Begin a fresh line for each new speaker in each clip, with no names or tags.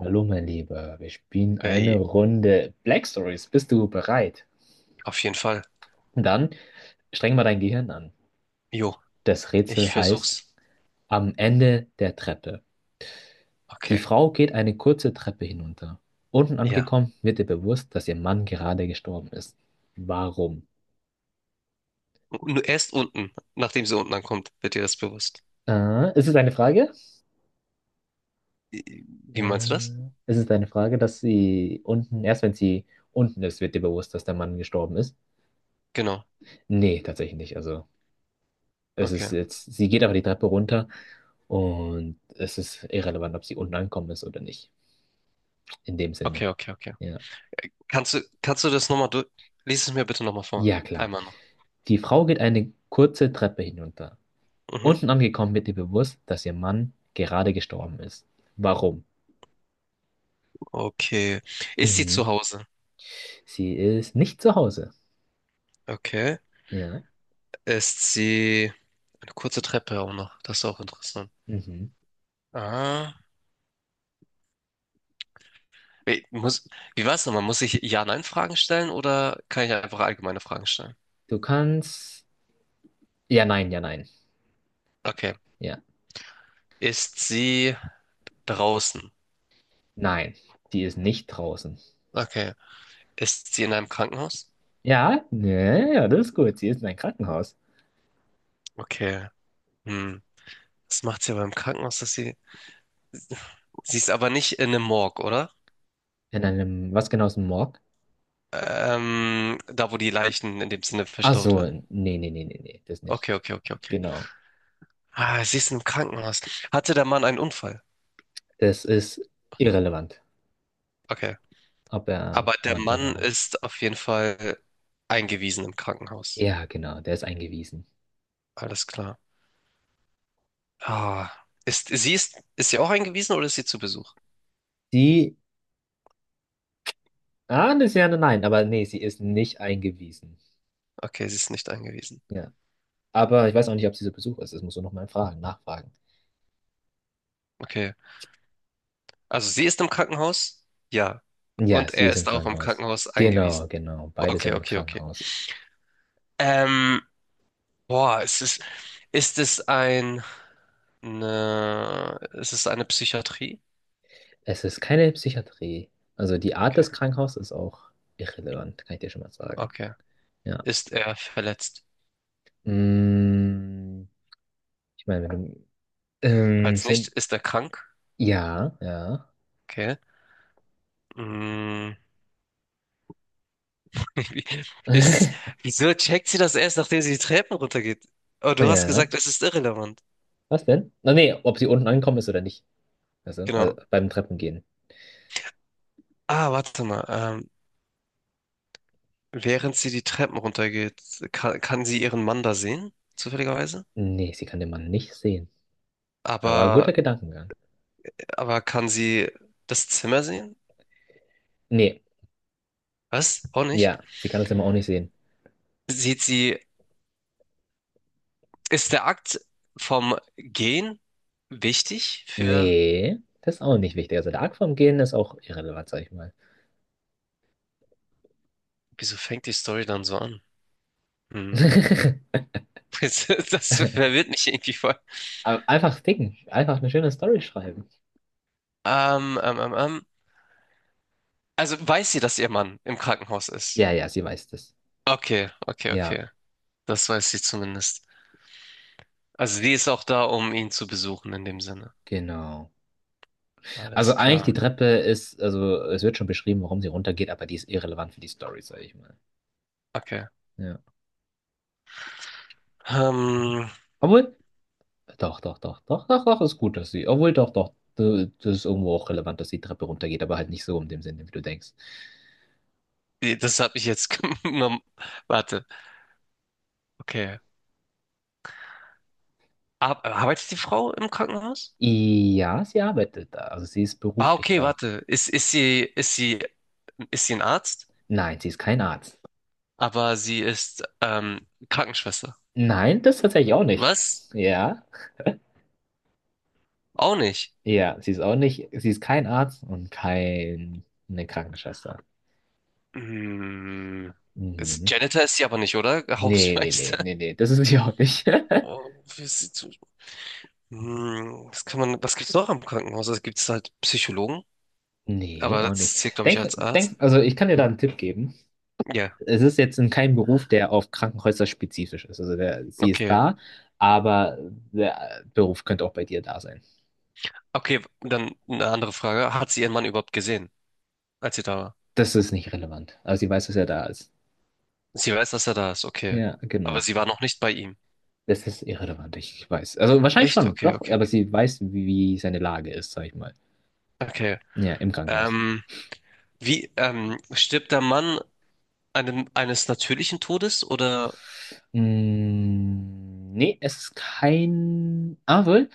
Hallo, mein Lieber, wir spielen eine
Ey,
Runde Black Stories. Bist du bereit?
auf jeden Fall.
Dann streng mal dein Gehirn an.
Jo,
Das
ich
Rätsel heißt
versuch's.
Am Ende der Treppe. Die
Okay,
Frau geht eine kurze Treppe hinunter. Unten
ja.
angekommen wird ihr bewusst, dass ihr Mann gerade gestorben ist. Warum?
Nur erst unten, nachdem sie unten ankommt, wird dir das bewusst.
Ist es eine Frage?
I- Wie meinst du das?
Ist es eine Frage, dass sie unten, erst wenn sie unten ist, wird ihr bewusst, dass der Mann gestorben ist?
Genau.
Nee, tatsächlich nicht. Also, es ist
Okay.
jetzt, sie geht aber die Treppe runter. Und es ist irrelevant, ob sie unten angekommen ist oder nicht. In dem Sinne.
Okay, okay, okay.
Ja.
Kannst du das nochmal durch? Lies es mir bitte nochmal vor.
Ja, klar.
Einmal noch.
Die Frau geht eine kurze Treppe hinunter.
Mhm.
Unten angekommen wird ihr bewusst, dass ihr Mann gerade gestorben ist. Warum?
Okay. Ist sie
Mhm.
zu Hause?
Sie ist nicht zu Hause.
Okay.
Ja.
Ist sie eine kurze Treppe auch noch? Das ist auch interessant.
Mhm.
Ah. Wie, muss, wie war's nochmal? Muss ich Ja-Nein-Fragen stellen oder kann ich einfach allgemeine Fragen stellen?
Du kannst. Ja, nein, ja, nein.
Okay.
Ja.
Ist sie draußen.
Nein. Die ist nicht draußen.
Okay. Ist sie in einem Krankenhaus?
Ja, ja, ja, das ist gut. Sie ist in einem Krankenhaus.
Okay. Hm. Was macht sie aber im Krankenhaus, dass sie. Sie ist aber nicht in einem Morg, oder?
In einem, was genau ist ein Morg?
Da, wo die Leichen in dem Sinne
Ach
verstaut
so,
werden.
nee, nee, nee, nee, nee, das nicht.
Okay, okay, okay, okay.
Genau.
Ah, sie ist im Krankenhaus. Hatte der Mann einen Unfall?
Das ist irrelevant,
Okay.
ob er
Aber der
Mann oder
Mann
Mann.
ist auf jeden Fall eingewiesen im Krankenhaus.
Ja, genau, der ist eingewiesen.
Alles klar. Ah, ist sie auch eingewiesen oder ist sie zu Besuch?
Sie, das ist ja nein, aber nee, sie ist nicht eingewiesen.
Okay, sie ist nicht eingewiesen.
Ja, aber ich weiß auch nicht, ob sie zu Besuch ist. Das musst du nochmal fragen, nachfragen.
Okay. Also sie ist im Krankenhaus? Ja.
Ja,
Und
sie
er
ist im
ist auch im
Krankenhaus.
Krankenhaus
Genau,
eingewiesen.
genau, beide sind
Okay,
im
okay, okay.
Krankenhaus.
Ähm, boah, ist es ein, eine, ist es eine Psychiatrie?
Es ist keine Psychiatrie. Also die Art
Okay,
des Krankenhauses ist auch irrelevant, kann ich dir schon mal sagen.
okay.
Ja.
Ist er verletzt?
Mm, ich meine, wenn du,
Falls nicht,
sind,
ist er krank?
ja, ja.
Okay. Mm. Es Ist Wieso checkt sie das erst, nachdem sie die Treppen runtergeht? Oh, du hast
Ja.
gesagt, es ist irrelevant.
Was denn? Na nee, ob sie unten angekommen ist oder nicht. Also,
Genau.
beim Treppengehen.
Ah, warte mal. Während sie die Treppen runtergeht, kann, kann sie ihren Mann da sehen, zufälligerweise?
Nee, sie kann den Mann nicht sehen. Aber
Aber,
guter Gedankengang.
aber kann sie das Zimmer sehen?
Nee,
Was? Auch nicht?
ja, sie kann das immer auch nicht sehen.
Sieht sie, ist der Akt vom Gehen wichtig für,
Nee, das ist auch nicht wichtig. Also der Akt vom Gehen ist auch irrelevant, sag ich mal.
wieso fängt die Story dann so an? Hm. Das, das verwirrt mich irgendwie voll.
Aber Einfach ficken. Einfach eine schöne Story schreiben.
Ähm, ähm, ähm, ähm. Also weiß sie, dass ihr Mann im Krankenhaus ist?
Ja, ja, sie weiß das.
Okay, okay,
Ja,
okay. Das weiß sie zumindest. Also die ist auch da, um ihn zu besuchen in dem Sinne.
genau. Also
Alles
eigentlich die
klar.
Treppe ist, also es wird schon beschrieben, warum sie runtergeht, aber die ist irrelevant für die Story, sag ich mal.
Okay.
Ja.
Ähm,
Obwohl, doch, doch, doch, doch, doch, doch, ist gut, dass sie. Obwohl, doch, doch, das ist irgendwo auch relevant, dass die Treppe runtergeht, aber halt nicht so in dem Sinne, wie du denkst.
das habe ich jetzt genommen. Warte. Okay. Ar Arbeitet die Frau im Krankenhaus?
Ja, sie arbeitet da. Also sie ist
Ah,
beruflich
okay,
da.
warte. Ist sie ein Arzt?
Nein, sie ist kein Arzt.
Aber sie ist Krankenschwester.
Nein, das tatsächlich auch nicht.
Was?
Ja,
Auch nicht.
ja, sie ist auch nicht. Sie ist kein Arzt und keine Krankenschwester.
Hm. Also
Mhm.
Janitor ist sie aber nicht, oder?
Nee, nee, nee,
Hausmeister.
nee, nee, das ist sie auch nicht.
Oh, wie ist sie zu... Hm, was gibt's noch am Krankenhaus? Also gibt es halt Psychologen,
Nee,
aber
auch nicht.
das zählt, glaube ich,
Denk,
als
denk,
Arzt.
also ich kann dir da einen Tipp geben.
Ja,
Es ist jetzt in keinem Beruf, der auf Krankenhäuser spezifisch ist. Also der, sie ist
okay.
da, aber der Beruf könnte auch bei dir da sein.
Okay, dann eine andere Frage. Hat sie ihren Mann überhaupt gesehen, als sie da war?
Das ist nicht relevant. Aber sie weiß, dass er da ist.
Sie weiß, dass er da ist, okay.
Ja, genau.
Aber sie war noch nicht bei ihm.
Das ist irrelevant, ich weiß. Also wahrscheinlich
Echt?
schon,
Okay,
doch,
okay,
aber
okay.
sie weiß, wie seine Lage ist, sag ich mal.
Okay.
Ja, im Krankenhaus.
Ähm, Stirbt der Mann einem, eines natürlichen Todes oder?
Nee, es ist kein.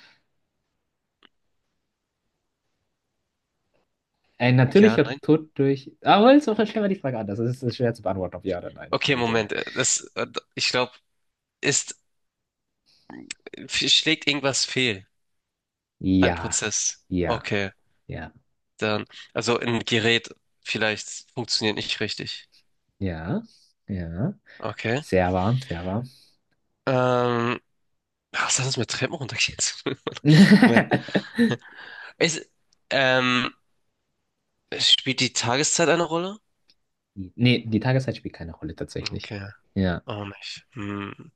Ein
Ja,
natürlicher
nein?
Tod durch. Ah, wohl, so stellen wir die Frage anders. Es ist schwer zu beantworten, ob ja oder nein, in
Okay,
dem Sinne.
Moment. Das, ich glaube, ist, schlägt irgendwas fehl. Ein
Ja,
Prozess.
ja,
Okay.
ja.
Dann, also ein Gerät vielleicht funktioniert nicht richtig.
Ja, ja.
Okay.
Sehr warm, sehr warm.
Ähm, Was hat das mit Treppen runtergeht? Moment. Ist, ähm, spielt die Tageszeit eine Rolle?
Nee, die Tageszeit spielt keine Rolle tatsächlich.
Okay,
Ja,
auch nicht. Hm.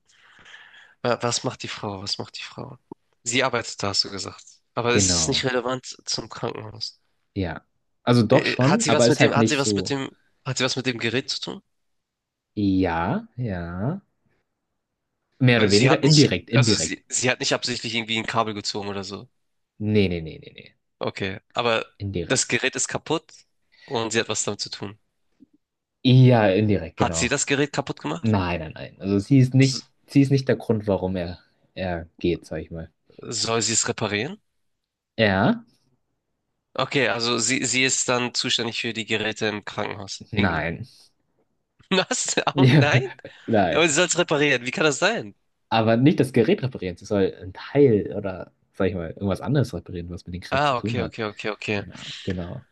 Was macht die Frau? Was macht die Frau? Sie arbeitet da, hast du gesagt. Aber es ist nicht
genau.
relevant zum Krankenhaus.
Ja. Also doch
Hat
schon,
sie
aber
was
ist
mit dem,
halt nicht so.
hat sie was mit dem Gerät zu tun?
Ja, ja. Mehr oder
Also sie
weniger
hat nicht,
indirekt,
also
indirekt.
sie hat nicht absichtlich irgendwie ein Kabel gezogen oder so.
Nee, nee, nee, nee, nee.
Okay. Aber das
Indirekt.
Gerät ist kaputt und sie hat was damit zu tun.
Ja, indirekt,
Hat sie
genau.
das Gerät kaputt gemacht?
Nein, nein, nein. Also
S
sie ist nicht der Grund, warum er, er geht, sag ich mal.
Soll sie es reparieren?
Ja?
Okay, also sie ist dann zuständig für die Geräte im Krankenhaus. Irgendwie.
Nein.
Was? Oh
Ja,
nein?
nein.
Aber sie soll es reparieren. Wie kann das sein?
Aber nicht das Gerät reparieren, sie soll ein Teil oder, sag ich mal, irgendwas anderes reparieren, was mit dem Gerät zu
Ah,
tun
okay,
hat.
okay, okay, okay.
Ja, genau.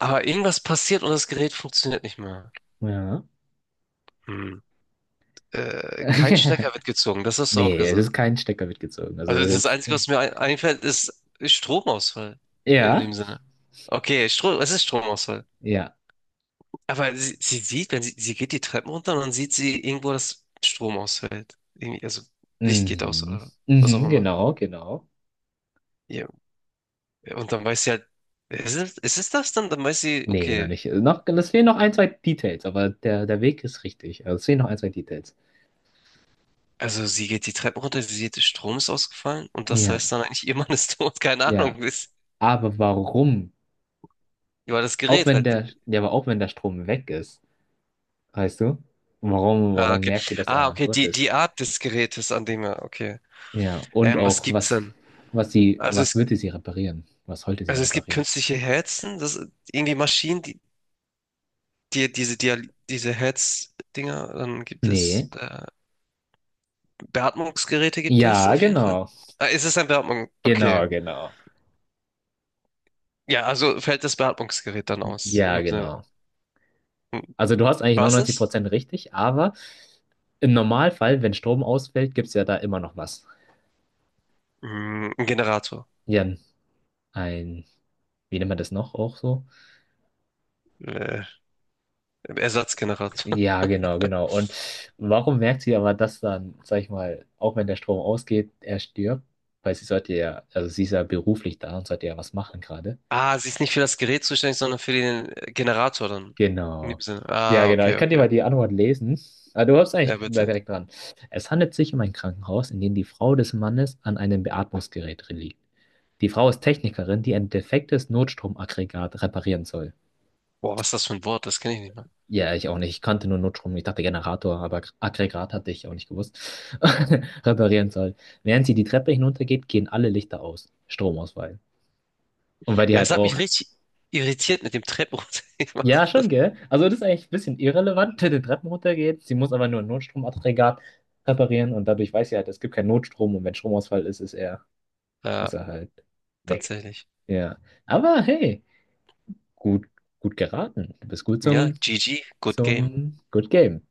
Aber irgendwas passiert und das Gerät funktioniert nicht mehr.
Ja.
Hm. Kein Stecker wird gezogen, das hast du auch
Nee, es
gesagt.
ist kein Stecker mitgezogen. Also das
Also
ist
das
jetzt
Einzige,
kein...
was mir ein einfällt, ist Stromausfall. In
Ja,
dem Sinne. Okay, Strom, es ist Stromausfall.
ja.
Aber sie sieht, wenn sie, sie geht die Treppen runter und dann sieht sie irgendwo, dass Strom ausfällt. Irgendwie, also Licht geht aus
Mhm.
oder was auch
Mhm,
immer.
genau, genau.
Ja. Und dann weiß sie halt, ist es das dann? Dann weiß sie,
Nee, noch
okay,
nicht. Noch, es fehlen noch ein, zwei Details, aber der, der Weg ist richtig. Also es fehlen noch ein, zwei Details.
also sie geht die Treppen runter, sie sieht, der Strom ist ausgefallen und das
Ja,
heißt dann eigentlich, ihr Mann ist tot, keine
ja.
Ahnung, ist,
Aber warum?
war das
Auch
Gerät
wenn
halt.
der, ja, aber auch wenn der Strom weg ist, weißt du? Warum,
Ah,
warum
okay.
merkt sie, dass der
Ah,
Mann
okay,
tot
die,
ist?
die Art des Gerätes, an dem er, okay.
Ja, und
Was
auch,
gibt's
was,
denn?
was sie,
Also
was
es,
würde sie reparieren? Was sollte sie
also es gibt
reparieren?
künstliche Herzen, das irgendwie Maschinen, die, die, diese Herz-Dinger, dann gibt es
Nee.
Beatmungsgeräte gibt es
Ja,
auf jeden Fall.
genau.
Ah, ist es ein Beatmung? Okay.
Genau, genau.
Ja, also fällt das Beatmungsgerät dann aus. In
Ja,
dem Sinne.
genau.
Hm,
Also du hast eigentlich
was
neunundneunzig
ist?
Prozent richtig, aber im Normalfall, wenn Strom ausfällt, gibt es ja da immer noch was.
Mm, ein Generator.
Ja, ein, wie nennt man das noch auch so?
Äh, Ersatzgenerator.
Ja, genau, genau. Und warum merkt sie aber das dann, sag ich mal, auch wenn der Strom ausgeht, er stirbt? Weil sie sollte ja, also sie ist ja beruflich da und sollte ja was machen gerade.
Ah, sie ist nicht für das Gerät zuständig, sondern für den Generator dann. In dem
Genau.
Sinne.
Ja,
Ah,
genau. Ich
okay,
kann dir
okay,
mal die
okay.
Antwort lesen. Ah, du hast
Ja,
eigentlich da
bitte.
direkt dran. Es handelt sich um ein Krankenhaus, in dem die Frau des Mannes an einem Beatmungsgerät liegt. Die Frau ist Technikerin, die ein defektes Notstromaggregat reparieren soll.
Boah, was ist das für ein Wort? Das kenne ich nicht mal.
Ja, ich auch nicht. Ich kannte nur Notstrom. Ich dachte Generator, aber Aggregat hatte ich auch nicht gewusst. Reparieren soll. Während sie die Treppe hinuntergeht, gehen alle Lichter aus. Stromausfall. Und weil die
Ja, es
halt
hat
auch
mich richtig irritiert mit dem Treppe
ja,
runtergemacht.
schon, gell? Also das ist eigentlich ein bisschen irrelevant, wenn die Treppen runtergeht. Sie muss aber nur ein Notstromaggregat reparieren und dadurch weiß sie halt, es gibt keinen Notstrom und wenn Stromausfall ist,
Ja,
ist er halt weg.
tatsächlich.
Ja. Aber hey, gut, gut geraten. Du bist gut
Ja,
zum,
GG, good game.
zum Good Game.